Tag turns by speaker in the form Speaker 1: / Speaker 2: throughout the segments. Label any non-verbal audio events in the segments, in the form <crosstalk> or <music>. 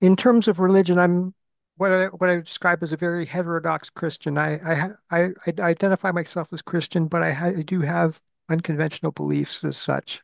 Speaker 1: In terms of religion, I'm what I would describe as a very heterodox Christian. I identify myself as Christian, but I do have unconventional beliefs as such.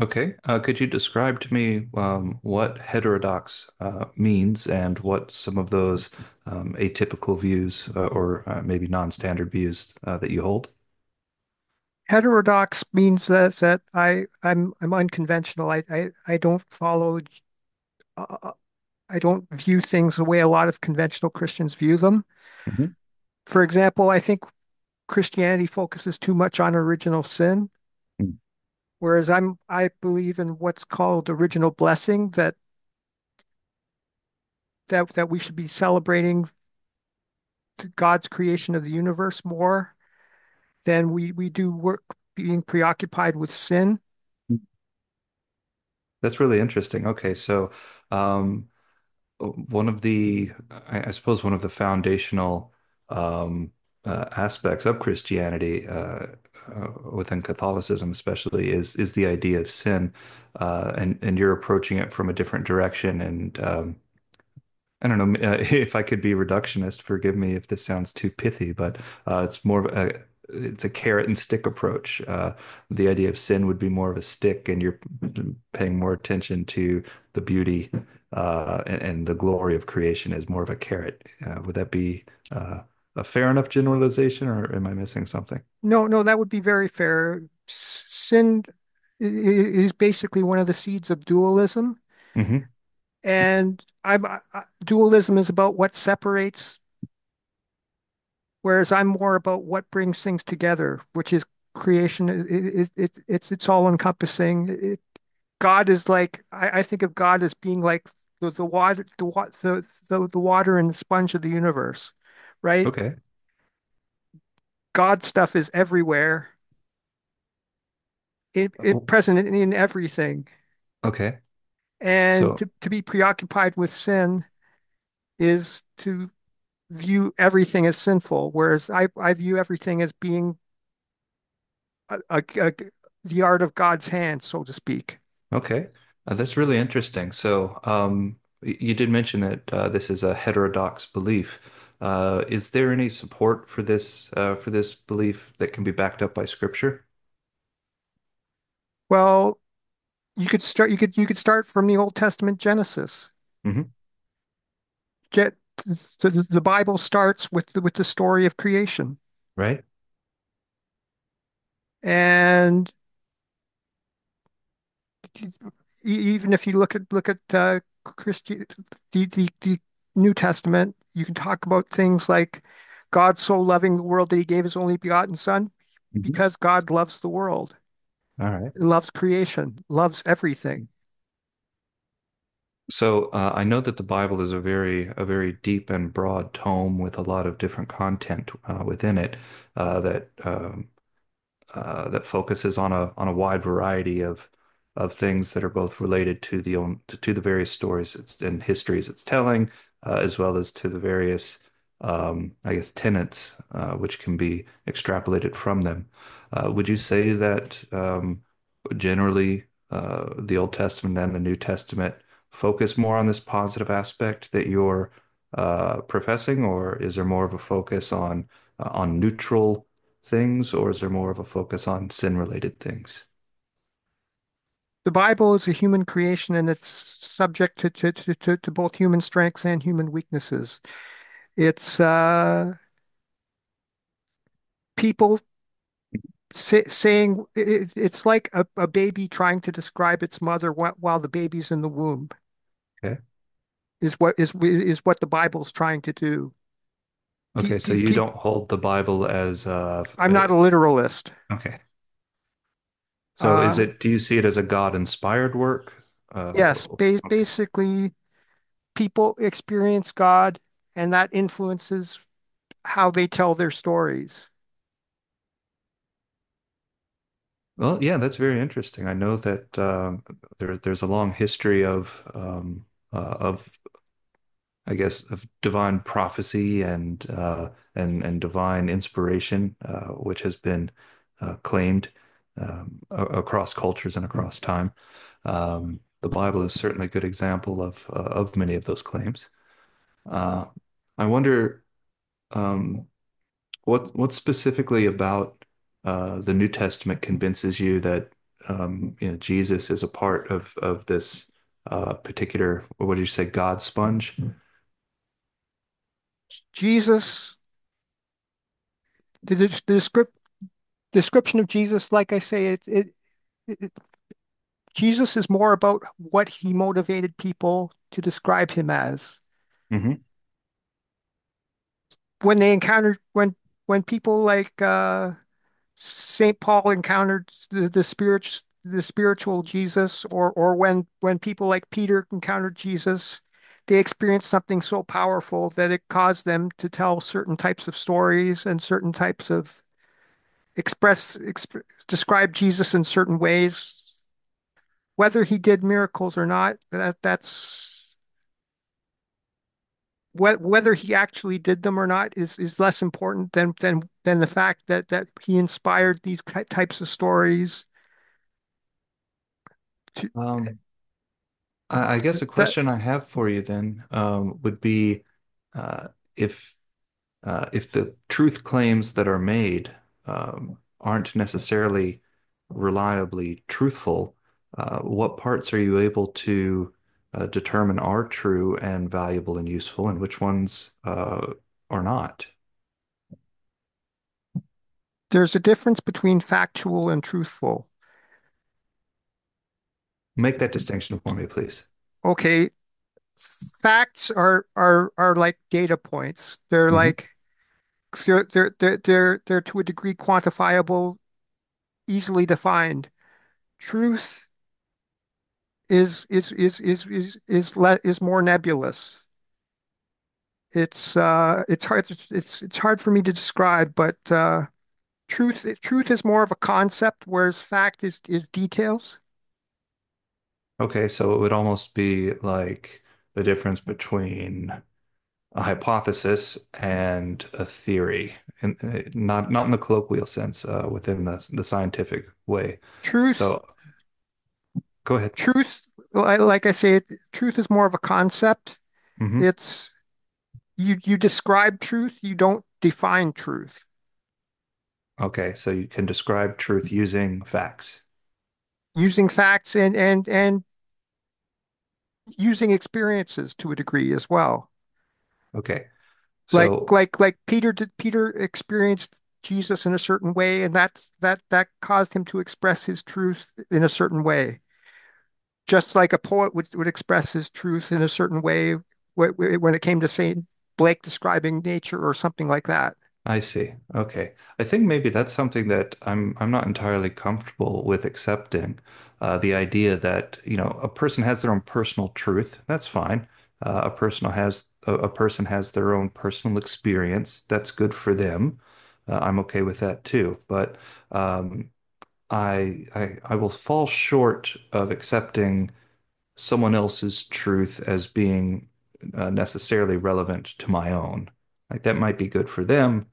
Speaker 2: Okay. Could you describe to me what heterodox means and what some of those atypical views or maybe non-standard views that you hold?
Speaker 1: Heterodox means that I'm unconventional. I don't follow. Uh, uh, I don't view things the way a lot of conventional Christians view them.
Speaker 2: Mhm.
Speaker 1: For example, I think Christianity focuses too much on original sin,
Speaker 2: mm
Speaker 1: whereas I believe in what's called original blessing, that we should be celebrating God's creation of the universe more than we do work being preoccupied with sin.
Speaker 2: That's really interesting. Okay, so um, one of I suppose, one of the foundational um, aspects of Christianity within Catholicism, especially, is the idea of sin, and you're approaching it from a different direction, and I don't know <laughs> if I could be reductionist. Forgive me if this sounds too pithy, but it's more of a it's a carrot and stick approach. The idea of sin would be more of a stick, and you're paying more attention to the beauty and the glory of creation as more of a carrot. Would that be uh, a fair enough generalization, or am I missing something?
Speaker 1: No, no, that would be very fair. Sin is basically one of the seeds of dualism,
Speaker 2: Hmm.
Speaker 1: and dualism is about what separates. Whereas I'm more about what brings things together, which is creation. It's all encompassing. God is like, I think of God as being like the water and the sponge of the universe, right?
Speaker 2: Okay.
Speaker 1: God stuff is everywhere. It
Speaker 2: Oh,
Speaker 1: present in everything,
Speaker 2: okay.
Speaker 1: and
Speaker 2: So
Speaker 1: to be preoccupied with sin is to view everything as sinful, whereas I view everything as being a, a, a, the art of God's hand, so to speak.
Speaker 2: okay, that's really interesting. So, you did mention that this is a heterodox belief. Is there any support for this belief that can be backed up by scripture?
Speaker 1: Well, you could start from the Old Testament Genesis.
Speaker 2: Hmm.
Speaker 1: Get The Bible starts with the story of creation.
Speaker 2: Right?
Speaker 1: And e- even if you look at Christi the New Testament, you can talk about things like God so loving the world that he gave his only begotten son,
Speaker 2: Hmm.
Speaker 1: because God loves the world,
Speaker 2: All right.
Speaker 1: loves creation, loves everything.
Speaker 2: So, I know that the Bible is a very deep and broad tome with a lot of different content within it uh, that um, that focuses on a wide variety of things that are both related to the own to the various stories it's and histories it's telling, as well as to the various I guess tenets which can be extrapolated from them. Would you say that generally the Old Testament and the New Testament focus more on this positive aspect that you're professing, or is there more of a focus on neutral things, or is there more of a focus on sin related things?
Speaker 1: The Bible is a human creation and it's subject to both human strengths and human weaknesses. It's people saying it, it's like a baby trying to describe its mother while the baby's in the womb
Speaker 2: Okay.
Speaker 1: is what the Bible's trying to do. Pe,
Speaker 2: Okay. So
Speaker 1: pe,
Speaker 2: you
Speaker 1: pe,
Speaker 2: don't hold the Bible as,
Speaker 1: I'm not a literalist.
Speaker 2: okay. So is
Speaker 1: Uh,
Speaker 2: it, do you see it as a God inspired work? Uh,
Speaker 1: yes, ba
Speaker 2: okay.
Speaker 1: basically, people experience God, and that influences how they tell their stories.
Speaker 2: Well, yeah, that's very interesting. I know that there's a long history of I guess, of divine prophecy and and divine inspiration, which has been claimed um, across cultures and across time. The Bible is certainly a good example of many of those claims. Uh, I wonder um, what specifically about the New Testament convinces you that you know, Jesus is a part of this particular, what did you say, God sponge?
Speaker 1: Jesus, the descrip- description of Jesus, like I say, it Jesus is more about what he motivated people to describe him as.
Speaker 2: Mhm.
Speaker 1: When they encountered, when when people like Saint Paul encountered the spirit, the spiritual Jesus, or when people like Peter encountered Jesus, they experienced something so powerful that it caused them to tell certain types of stories and certain types of express exp describe Jesus in certain ways. Whether he did miracles or not, whether he actually did them or not is is less important than the fact that he inspired these types of stories. To,
Speaker 2: Um, I guess a
Speaker 1: that
Speaker 2: question I have for you then would be uh, if if the truth claims that are made aren't necessarily reliably truthful, what parts are you able to determine are true and valuable and useful, and which ones are not?
Speaker 1: There's a difference between factual and truthful.
Speaker 2: Make that distinction for me, please.
Speaker 1: Okay, facts are are like data points. They're
Speaker 2: Hmm.
Speaker 1: like they're to a degree quantifiable, easily defined. Truth is more nebulous. It's hard. It's hard for me to describe, but truth is more of a concept, whereas fact is details.
Speaker 2: Okay, so it would almost be like the difference between a hypothesis and a theory, and not in the colloquial sense, within the scientific way.
Speaker 1: Truth
Speaker 2: So go ahead.
Speaker 1: truth, like I say, truth is more of a concept.
Speaker 2: Hmm.
Speaker 1: It's you describe truth, you don't define truth.
Speaker 2: Okay, so you can describe truth using facts.
Speaker 1: Using facts and using experiences to a degree as well.
Speaker 2: Okay,
Speaker 1: Like
Speaker 2: so
Speaker 1: like like Peter did. Peter experienced Jesus in a certain way, and that caused him to express his truth in a certain way, just like a poet would express his truth in a certain way when it came to Saint Blake describing nature or something like that.
Speaker 2: I see. Okay. I think maybe that's something that I'm not entirely comfortable with accepting. The idea that, you know, a person has their own personal truth. That's fine. A person has a person has their own personal experience. That's good for them. I'm okay with that too. But um, I will fall short of accepting someone else's truth as being necessarily relevant to my own. Like that might be good for them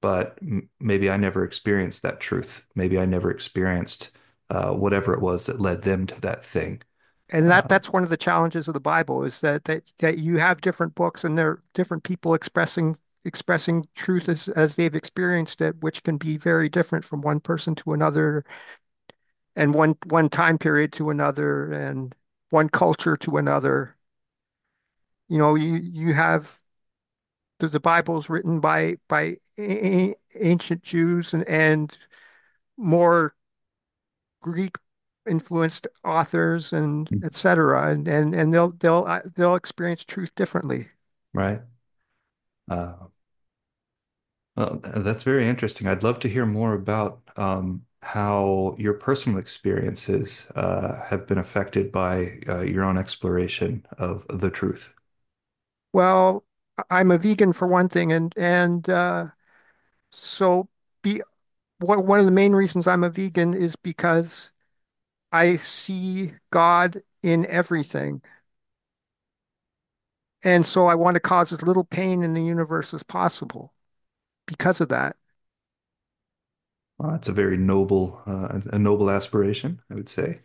Speaker 2: but m maybe I never experienced that truth. Maybe I never experienced whatever it was that led them to that thing.
Speaker 1: And
Speaker 2: Um,
Speaker 1: that's one of the challenges of the Bible, is that that you have different books and there are different people expressing truth as they've experienced it, which can be very different from one person to another and one time period to another and one culture to another. You know, you have the Bible's written by a- ancient Jews and more Greek influenced authors and et cetera, and and, they'll they'll experience truth differently.
Speaker 2: right. Uh, well, that's very interesting. I'd love to hear more about how your personal experiences have been affected by your own exploration of the truth.
Speaker 1: Well, am a vegan, for one thing, and so be one of the main reasons I'm a vegan is because I see God in everything, and so I want to cause as little pain in the universe as possible because of that.
Speaker 2: It's a very noble, a noble aspiration, I would say.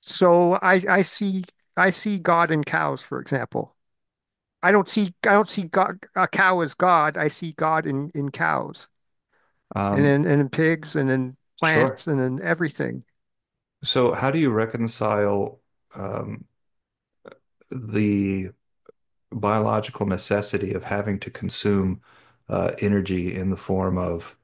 Speaker 1: So I see God in cows, for example. I don't see God, a cow as God. I see God in cows and
Speaker 2: Um,
Speaker 1: in pigs and in plants
Speaker 2: sure.
Speaker 1: and in everything.
Speaker 2: So, how do you reconcile um, the biological necessity of having to consume energy in the form of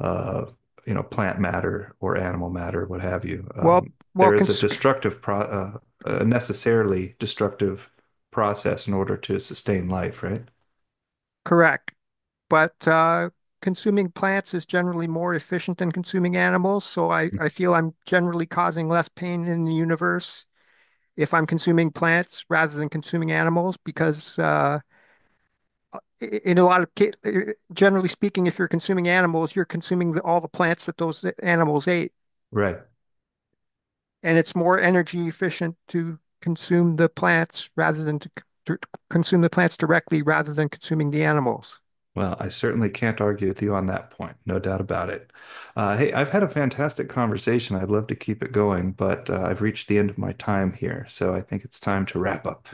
Speaker 2: uh, you know plant matter or animal matter, what have you.
Speaker 1: Well,
Speaker 2: Um,
Speaker 1: well,
Speaker 2: there is a
Speaker 1: cons
Speaker 2: destructive pro a necessarily destructive process in order to sustain life, right?
Speaker 1: Correct, but consuming plants is generally more efficient than consuming animals. So I
Speaker 2: Mhm.
Speaker 1: I feel I'm generally causing less pain in the universe if I'm consuming plants rather than consuming animals, because in a lot of ca- generally speaking, if you're consuming animals, you're consuming all the plants that those animals ate.
Speaker 2: Right.
Speaker 1: And it's more energy efficient to consume the plants rather than to consume the plants directly rather than consuming the animals.
Speaker 2: Well, I certainly can't argue with you on that point, no doubt about it. Hey, I've had a fantastic conversation. I'd love to keep it going, but I've reached the end of my time here, so I think it's time to wrap up.